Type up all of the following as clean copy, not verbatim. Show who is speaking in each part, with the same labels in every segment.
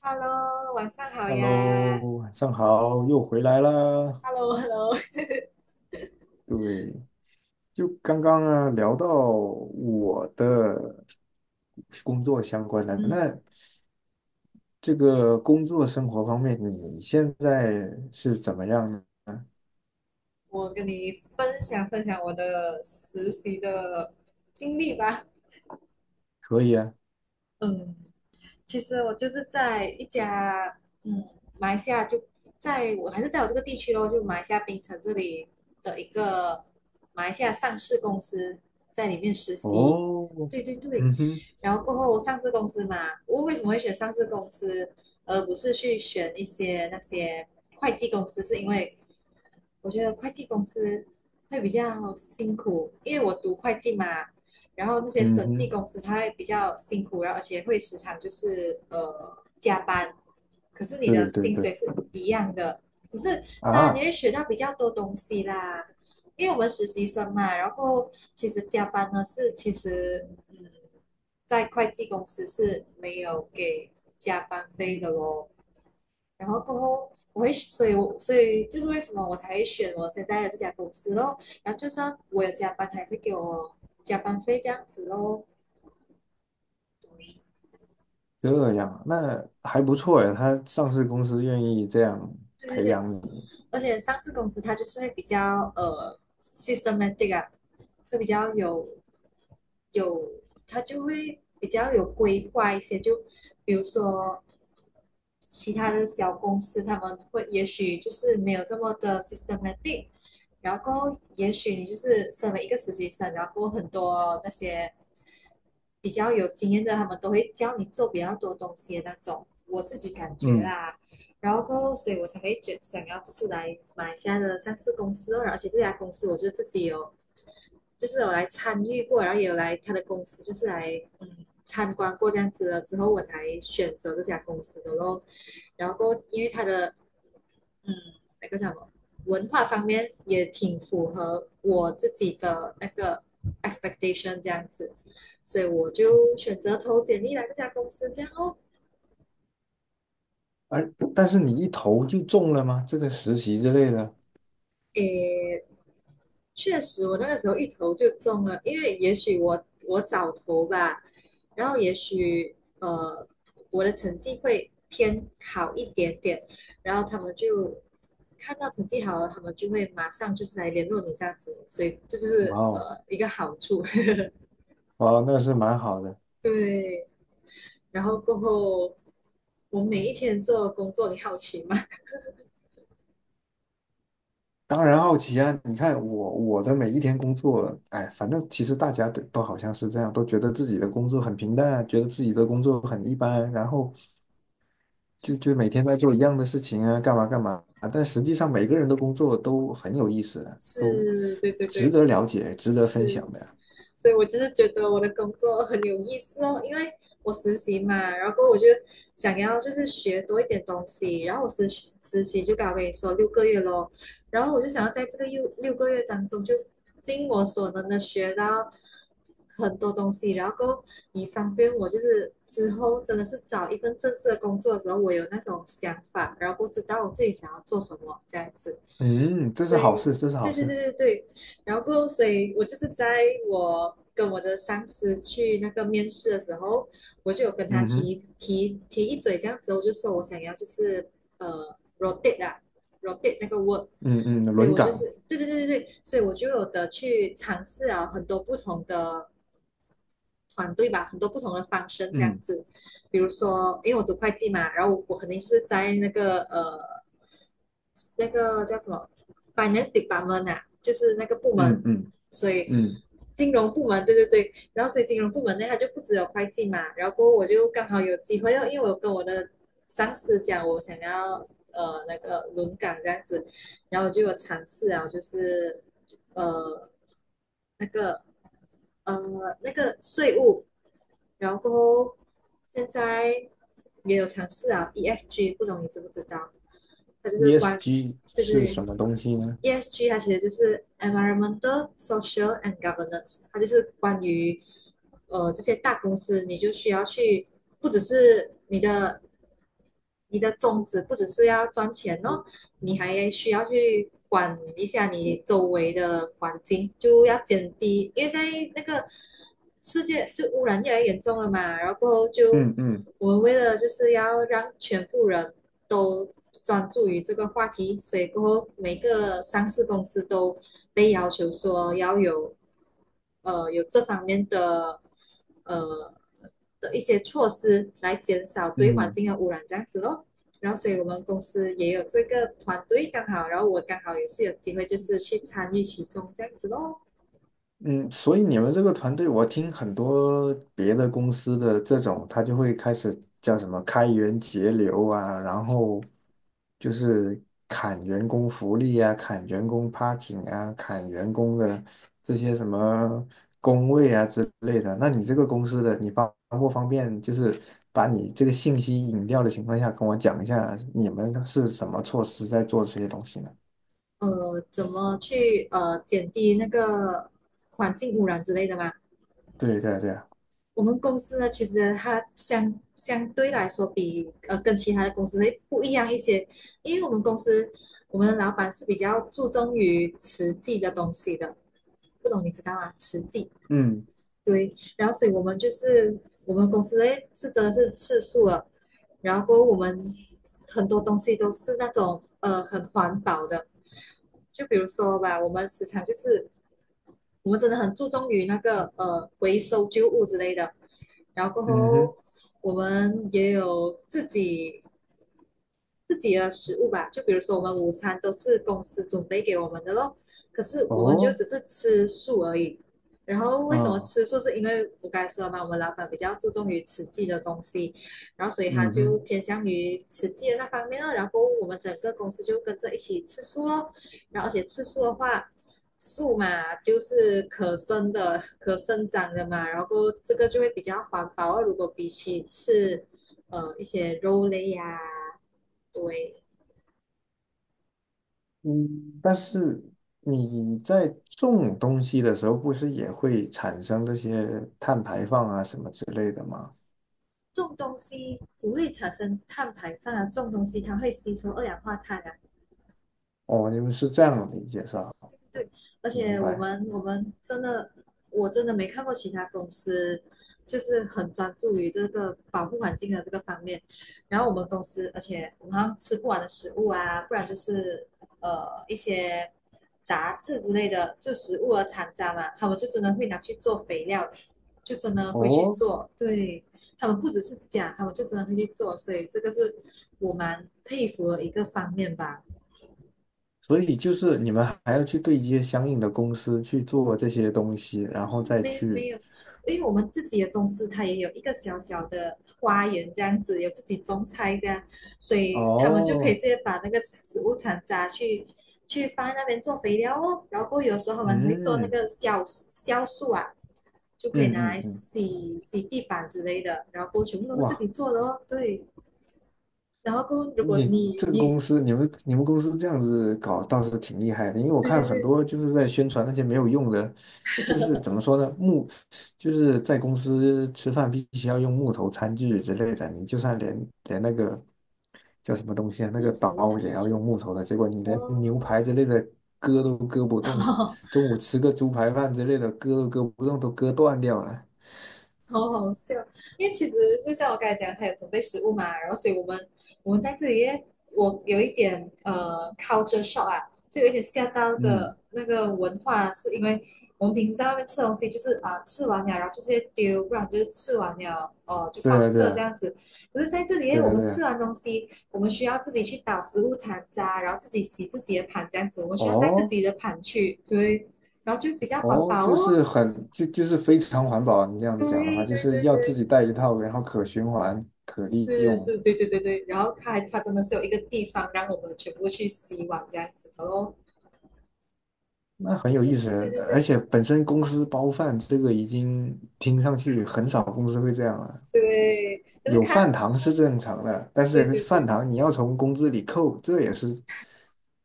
Speaker 1: Hello，晚上好呀。
Speaker 2: Hello，晚上好，又回来啦。
Speaker 1: Hello，Hello
Speaker 2: 对，就刚刚啊聊到我的工作相关的，那
Speaker 1: 嗯，
Speaker 2: 这个工作生活方面，你现在是怎么样呢？
Speaker 1: 我跟你分享分享我的实习的经历吧。
Speaker 2: 可以啊。
Speaker 1: 嗯，其实我就是在一家嗯马来西亚就在我这个地区咯，就马来西亚槟城这里的一个马来西亚上市公司在里面实习，
Speaker 2: 哦，
Speaker 1: 对对对，
Speaker 2: 嗯哼，
Speaker 1: 然后过后上市公司嘛，我为什么会选上市公司，而不是去选一些那些会计公司，是因为我觉得会计公司会比较辛苦，因为我读会计嘛，然后那些
Speaker 2: 嗯
Speaker 1: 审计
Speaker 2: 哼，
Speaker 1: 公司它会比较辛苦，然后而且会时常就是加班，可是你
Speaker 2: 对
Speaker 1: 的
Speaker 2: 对
Speaker 1: 薪
Speaker 2: 对，
Speaker 1: 水是一样的，只是当然你
Speaker 2: 啊，
Speaker 1: 会学到比较多东西啦，因为我们实习生嘛，然后其实加班呢是其实在会计公司是没有给加班费的咯。然后过后我会，所以就是为什么我才会选我现在的这家公司咯。然后就算我有加班，他也会给我加班费这样子咯。对，
Speaker 2: 这样啊，那还不错呀，他上市公司愿意这样
Speaker 1: 对对
Speaker 2: 培
Speaker 1: 对，
Speaker 2: 养你。
Speaker 1: 而且上市公司它就是会比较systematic 啊，会比较有，它就会比较有规划一些。就比如说其他的小公司他们会也许就是没有这么的 systematic，然后也许你就是身为一个实习生，然后很多那些比较有经验的，他们都会教你做比较多东西的那种，我自己感觉
Speaker 2: 嗯，
Speaker 1: 啦，然后过后所以我才会觉想要就是来马来西亚的上市公司哦，而且这家公司我就自己有就是有来参与过，然后也有来他的公司就是来参观过这样子了之后，我才选择这家公司的咯。然后因为他的嗯，那个叫什么文化方面也挺符合我自己的那个 expectation 这样子，所以我就选择投简历来这家公司，这样哦，
Speaker 2: 而但是你一投就中了吗？这个实习之类的。
Speaker 1: 诶，确实我那个时候一投就中了，因为也许我早投吧，然后也许我的成绩会偏好一点点，然后他们就看到成绩好了，他们就会马上就是来联络你这样子，所以这就
Speaker 2: 哇
Speaker 1: 是
Speaker 2: 哦，
Speaker 1: 一个好处。
Speaker 2: 哇哦，那是蛮好的。
Speaker 1: 对，然后过后，我每一天做的工作，你好奇吗？
Speaker 2: 当然好奇啊，你看我的每一天工作，哎，反正其实大家都好像是这样，都觉得自己的工作很平淡，觉得自己的工作很一般，然后就每天在做一样的事情啊，干嘛干嘛。但实际上每个人的工作都很有意思 的，都
Speaker 1: 是，对对
Speaker 2: 值
Speaker 1: 对，
Speaker 2: 得了解，值得分
Speaker 1: 是，
Speaker 2: 享的啊。
Speaker 1: 所以我就是觉得我的工作很有意思哦，因为我实习嘛，然后过后我就想要就是学多一点东西，然后实习就刚刚跟你说六个月咯，然后我就想要在这个六个月当中就尽我所能的学到很多东西，然后够以方便我就是之后真的是找一份正式的工作的时候，我有那种想法，然后不知道我自己想要做什么这样子，
Speaker 2: 嗯，这
Speaker 1: 所
Speaker 2: 是好
Speaker 1: 以
Speaker 2: 事，这是好
Speaker 1: 对对
Speaker 2: 事。
Speaker 1: 对对对，然后过所以我就是在我跟我的上司去那个面试的时候，我就有跟他
Speaker 2: 嗯哼，
Speaker 1: 提一嘴这样子，我就说我想要就是rotate 啊 rotate 那个 work。
Speaker 2: 嗯嗯，
Speaker 1: 所以
Speaker 2: 轮
Speaker 1: 我就
Speaker 2: 岗，
Speaker 1: 是对对对对对，所以我就有的去尝试啊很多不同的团队吧，很多不同的方式这样
Speaker 2: 嗯
Speaker 1: 子。比如说，因为我读会计嘛，然后我肯定是在那个那个叫什么 finance department 啊，就是那个部
Speaker 2: 嗯
Speaker 1: 门，
Speaker 2: 嗯
Speaker 1: 所以
Speaker 2: 嗯
Speaker 1: 金融部门，对对对。然后所以金融部门呢，它就不只有会计嘛，然后过后我就刚好有机会，因为我跟我的上司讲我想要那个轮岗这样子，然后我就有尝试啊，就是呃那个呃那个税务。然后现在也有尝试啊，ESG，不懂你知不知道？它就是关，
Speaker 2: ，ESG
Speaker 1: 对
Speaker 2: 是
Speaker 1: 对
Speaker 2: 什么东西呢？
Speaker 1: ，ESG 它其实就是 environmental, social and governance，它就是关于这些大公司，你就需要去，不只是你的你的宗旨不只是要赚钱哦，你还需要去管一下你周围的环境，就要减低，因为现在那个世界就污染越来越严重了嘛，然后过后就
Speaker 2: 嗯嗯
Speaker 1: 我们为了就是要让全部人都专注于这个话题，所以过后每个上市公司都被要求说要有有这方面的呃的一些措施来减少对环
Speaker 2: 嗯。
Speaker 1: 境的污染这样子咯。然后，所以我们公司也有这个团队，刚好，然后我刚好也是有机会，就是去参与其中这样子咯。
Speaker 2: 嗯，所以你们这个团队，我听很多别的公司的这种，他就会开始叫什么开源节流啊，然后就是砍员工福利啊，砍员工 parking 啊，砍员工的这些什么工位啊之类的。那你这个公司的，你方不方便就是把你这个信息隐掉的情况下，跟我讲一下你们是什么措施在做这些东西呢？
Speaker 1: 怎么去减低那个环境污染之类的嘛？
Speaker 2: 对对对，
Speaker 1: 我们公司呢，其实它相对来说比跟其他的公司会不一样一些，因为我们公司我们的老板是比较注重于实际的东西的，不懂你知道吗？实际。
Speaker 2: 嗯
Speaker 1: 对，然后所以我们就是我们公司的是真的是吃素了，然后过后我们很多东西都是那种很环保的，就比如说吧，我们时常就是我们真的很注重于那个回收旧物之类的，然后过
Speaker 2: 嗯哼，
Speaker 1: 后我们也有自己的食物吧，就比如说我们午餐都是公司准备给我们的咯，可是我们就
Speaker 2: 哦，
Speaker 1: 只是吃素而已。然后为什么
Speaker 2: 嗯。
Speaker 1: 吃素？是因为我刚才说了嘛，我们老板比较注重于实际的东西，然后所以他
Speaker 2: 嗯
Speaker 1: 就
Speaker 2: 哼，
Speaker 1: 偏向于实际的那方面了。然后我们整个公司就跟着一起吃素咯。然后而且吃素的话，素嘛就是可生的、可生长的嘛，然后这个就会比较环保啊。如果比起吃一些肉类呀、啊对，
Speaker 2: 嗯，但是你在种东西的时候，不是也会产生这些碳排放啊什么之类的吗？
Speaker 1: 种东西不会产生碳排放啊，种东西它会吸收二氧化碳啊，
Speaker 2: 哦，你们是这样理解是吧？
Speaker 1: 对，而
Speaker 2: 明
Speaker 1: 且
Speaker 2: 白。
Speaker 1: 我们真的，我真的没看过其他公司就是很专注于这个保护环境的这个方面。然后我们公司，而且我们好像吃不完的食物啊，不然就是一些杂质之类的，就食物的残渣嘛，他们就真的会拿去做肥料，就真的会去
Speaker 2: 哦，
Speaker 1: 做。对，他们不只是讲，他们就真的会去做，所以这个是我蛮佩服的一个方面吧。
Speaker 2: 所以就是你们还要去对接相应的公司去做这些东西，然后再
Speaker 1: 没有
Speaker 2: 去。
Speaker 1: 没有，因为我们自己的公司它也有一个小小的花园这样子，有自己种菜这样，所以他们就可以
Speaker 2: 哦，
Speaker 1: 直接把那个食物残渣去放在那边做肥料哦。然后过后有时候我们会做那
Speaker 2: 嗯
Speaker 1: 个酵素啊，就可以
Speaker 2: 嗯
Speaker 1: 拿
Speaker 2: 嗯
Speaker 1: 来
Speaker 2: 嗯，
Speaker 1: 洗洗地板之类的，然后过后全部都是自
Speaker 2: 哇，
Speaker 1: 己做的哦。对，然后过后如果
Speaker 2: 你
Speaker 1: 你
Speaker 2: 这个公
Speaker 1: 你
Speaker 2: 司，你们公司这样子搞倒是挺厉害的，因为我
Speaker 1: 对
Speaker 2: 看
Speaker 1: 对
Speaker 2: 很
Speaker 1: 对，
Speaker 2: 多就是在宣传那些没有用的，就是怎么说呢，木，就是在公司吃饭必须要用木头餐具之类的，你就算连那个叫什么东西啊，那
Speaker 1: 木
Speaker 2: 个
Speaker 1: 头餐
Speaker 2: 刀也要用
Speaker 1: 具
Speaker 2: 木头的，结果你连牛
Speaker 1: 哦，
Speaker 2: 排之类的割都割不动，中午吃个猪排饭之类的割都割不动，都割断掉了。
Speaker 1: 好好笑，因为其实就像我刚才讲，他有准备食物嘛，然后所以我们在这里耶，我有一点culture shock 啊，就有一点吓到
Speaker 2: 嗯，
Speaker 1: 的那个文化，是因为我们平时在外面吃东西，就是啊、吃完了，然后就直接丢，不然就是吃完了就
Speaker 2: 对
Speaker 1: 放
Speaker 2: 啊，对
Speaker 1: 这
Speaker 2: 啊，
Speaker 1: 样子。可是在这里耶，
Speaker 2: 对
Speaker 1: 我
Speaker 2: 啊，
Speaker 1: 们
Speaker 2: 对
Speaker 1: 吃
Speaker 2: 啊。
Speaker 1: 完东西，我们需要自己去打食物残渣，然后自己洗自己的盘这样子，我们需要带自
Speaker 2: 哦，
Speaker 1: 己的盘去，对，然后就比较环
Speaker 2: 哦，
Speaker 1: 保
Speaker 2: 就
Speaker 1: 哦，
Speaker 2: 是很，就就是非常环保啊。你这样子
Speaker 1: 对
Speaker 2: 讲的话，就
Speaker 1: 对
Speaker 2: 是
Speaker 1: 对
Speaker 2: 要自
Speaker 1: 对。
Speaker 2: 己带一套，然后可循环、可利
Speaker 1: 是
Speaker 2: 用，
Speaker 1: 是，对对对对，然后它真的是有一个地方让我们全部去洗碗这样子的咯。
Speaker 2: 那很有
Speaker 1: 这
Speaker 2: 意思。
Speaker 1: 对对对
Speaker 2: 而且本身公司包饭这个已经听上去很少公司会这样了。
Speaker 1: 对，就是
Speaker 2: 有
Speaker 1: 看
Speaker 2: 饭堂是
Speaker 1: 哦，
Speaker 2: 正常的，但
Speaker 1: 对
Speaker 2: 是
Speaker 1: 对
Speaker 2: 饭
Speaker 1: 对，
Speaker 2: 堂你要从工资里扣，这也是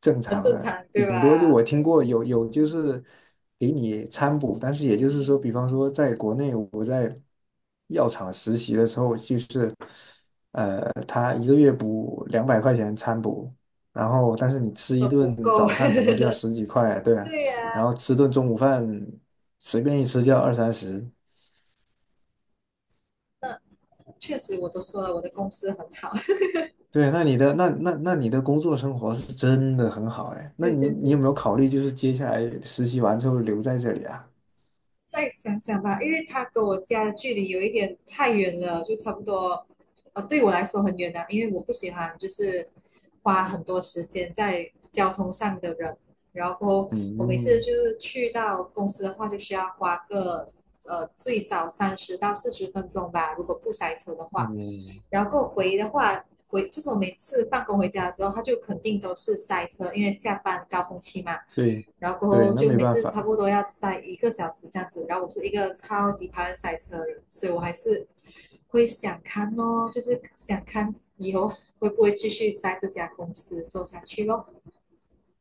Speaker 2: 正
Speaker 1: 很
Speaker 2: 常
Speaker 1: 正
Speaker 2: 的。
Speaker 1: 常对
Speaker 2: 顶多就
Speaker 1: 吧？
Speaker 2: 我听
Speaker 1: 对
Speaker 2: 过有就是给你餐补，但是也就是说，比方说在国内我在药厂实习的时候，就是他一个月补两百块钱餐补，
Speaker 1: 啊，
Speaker 2: 然后但是你吃一
Speaker 1: 都不
Speaker 2: 顿
Speaker 1: 够，
Speaker 2: 早饭可能就要十几块，对 啊，
Speaker 1: 对呀、
Speaker 2: 然后吃顿中午饭随便一吃就要二三十。
Speaker 1: 那确实我都说了，我的公司很好，
Speaker 2: 对，那你的那你的工作生活是真的很好哎，那
Speaker 1: 对
Speaker 2: 你
Speaker 1: 对
Speaker 2: 你有
Speaker 1: 对，
Speaker 2: 没有考虑就是接下来实习完之后留在这里啊？
Speaker 1: 再想想吧，因为他跟我家的距离有一点太远了，就差不多，对我来说很远啊，因为我不喜欢就是花很多时间在交通上的人，然后我每次
Speaker 2: 嗯
Speaker 1: 就是去到公司的话，就需要花个最少30到40分钟吧，如果不塞车的话，
Speaker 2: 嗯，
Speaker 1: 然后回的话。回就是我每次放工回家的时候，他就肯定都是塞车，因为下班高峰期嘛。
Speaker 2: 对，
Speaker 1: 然后过
Speaker 2: 对，
Speaker 1: 后
Speaker 2: 那
Speaker 1: 就
Speaker 2: 没
Speaker 1: 每
Speaker 2: 办
Speaker 1: 次差
Speaker 2: 法。
Speaker 1: 不多要塞一个小时这样子，然后我是一个超级讨厌塞车的人，所以我还是会想看哦，就是想看以后会不会继续在这家公司做下去咯，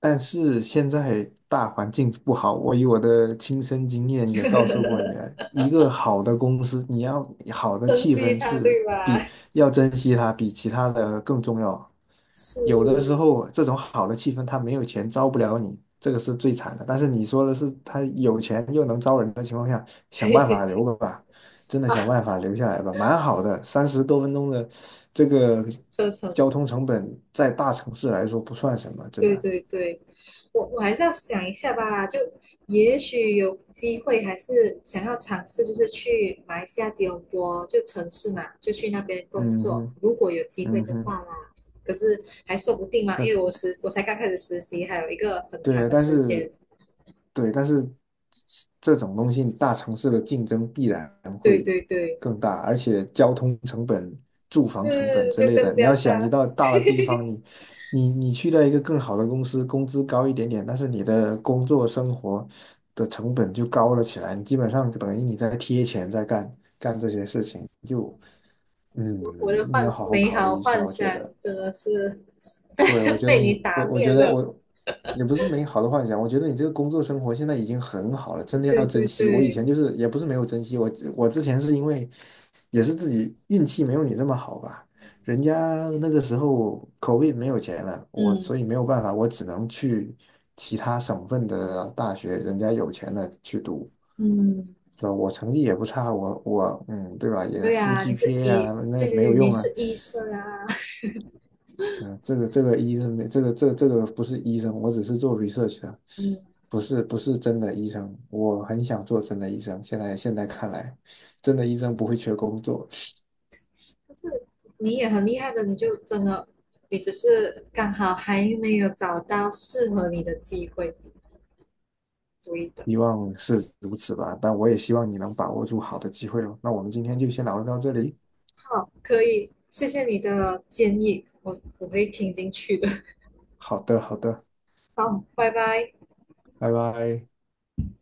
Speaker 2: 但是现在大环境不好，我以我的亲身经验也告诉过你 了，一个好的公司，你要好的
Speaker 1: 珍
Speaker 2: 气
Speaker 1: 惜
Speaker 2: 氛
Speaker 1: 它，
Speaker 2: 是
Speaker 1: 对吧？
Speaker 2: 比要珍惜它，比其他的更重要。有的时
Speaker 1: 是，
Speaker 2: 候这种好的气氛，他没有钱招不了你，这个是最惨的。但是你说的是他有钱又能招人的情况下，想
Speaker 1: 对
Speaker 2: 办
Speaker 1: 对
Speaker 2: 法留
Speaker 1: 对，
Speaker 2: 吧，真的想办法留下来吧，蛮好的。三十多分钟的这个
Speaker 1: 车程
Speaker 2: 交通成本，在大城市来说不算什么，真
Speaker 1: 对
Speaker 2: 的。
Speaker 1: 对对，我还是要想一下吧，就也许有机会，还是想要尝试，就是去马来西亚吉隆坡就城市嘛，就去那边工
Speaker 2: 嗯
Speaker 1: 作，
Speaker 2: 哼，
Speaker 1: 如果有机会
Speaker 2: 嗯
Speaker 1: 的
Speaker 2: 哼。
Speaker 1: 话啦。可是还说不定嘛，因
Speaker 2: 那。
Speaker 1: 为我才刚开始实习，还有一个很长
Speaker 2: 对，
Speaker 1: 的
Speaker 2: 但
Speaker 1: 时间。
Speaker 2: 是对,但是这种东西大城市的竞争必然
Speaker 1: 对
Speaker 2: 会
Speaker 1: 对对，
Speaker 2: 更大，而且交通成本、住房成本
Speaker 1: 是
Speaker 2: 之
Speaker 1: 就
Speaker 2: 类
Speaker 1: 更
Speaker 2: 的，你
Speaker 1: 加
Speaker 2: 要想，你
Speaker 1: 大。
Speaker 2: 到大的地方，你去到一个更好的公司，工资高一点点，但是你的工作生活的成本就高了起来，你基本上等于你在贴钱在干这些事情，就嗯，
Speaker 1: 我的
Speaker 2: 你要好好
Speaker 1: 美
Speaker 2: 考虑
Speaker 1: 好
Speaker 2: 一下，
Speaker 1: 幻
Speaker 2: 我
Speaker 1: 想
Speaker 2: 觉得。
Speaker 1: 真的是
Speaker 2: 对，我
Speaker 1: 被
Speaker 2: 觉得
Speaker 1: 被你
Speaker 2: 你，我
Speaker 1: 打
Speaker 2: 我
Speaker 1: 灭
Speaker 2: 觉得
Speaker 1: 了。
Speaker 2: 我也不是美好的幻想，我觉得你这个工作生活现在已经很好了，真的
Speaker 1: 对
Speaker 2: 要珍
Speaker 1: 对
Speaker 2: 惜。我以
Speaker 1: 对，
Speaker 2: 前就是也不是没有珍惜，我之前是因为也是自己运气没有你这么好吧，人家那个时候口碑没有钱了，我
Speaker 1: 嗯
Speaker 2: 所以没有办法，我只能去其他省份的大学，人家有钱的去读，
Speaker 1: 嗯。
Speaker 2: 是吧？我成绩也不差，我，对吧？也
Speaker 1: 对
Speaker 2: 负
Speaker 1: 呀、你是
Speaker 2: GPA
Speaker 1: 医，
Speaker 2: 啊，那也
Speaker 1: 对对
Speaker 2: 没
Speaker 1: 对，
Speaker 2: 有
Speaker 1: 你
Speaker 2: 用啊。
Speaker 1: 是医生啊，
Speaker 2: 嗯，这个医生没，这个不是医生，我只是做 research 的，
Speaker 1: 嗯，
Speaker 2: 不是真的医生。我很想做真的医生，现在看来，真的医生不会缺工作，
Speaker 1: 但是你也很厉害的，你就真的，你只是刚好还没有找到适合你的机会，对的。
Speaker 2: 希望是如此吧。但我也希望你能把握住好的机会哦。那我们今天就先聊到这里。
Speaker 1: 好，可以，谢谢你的建议，我会听进去的。
Speaker 2: 好的，好的，
Speaker 1: 好，拜拜。
Speaker 2: 拜拜。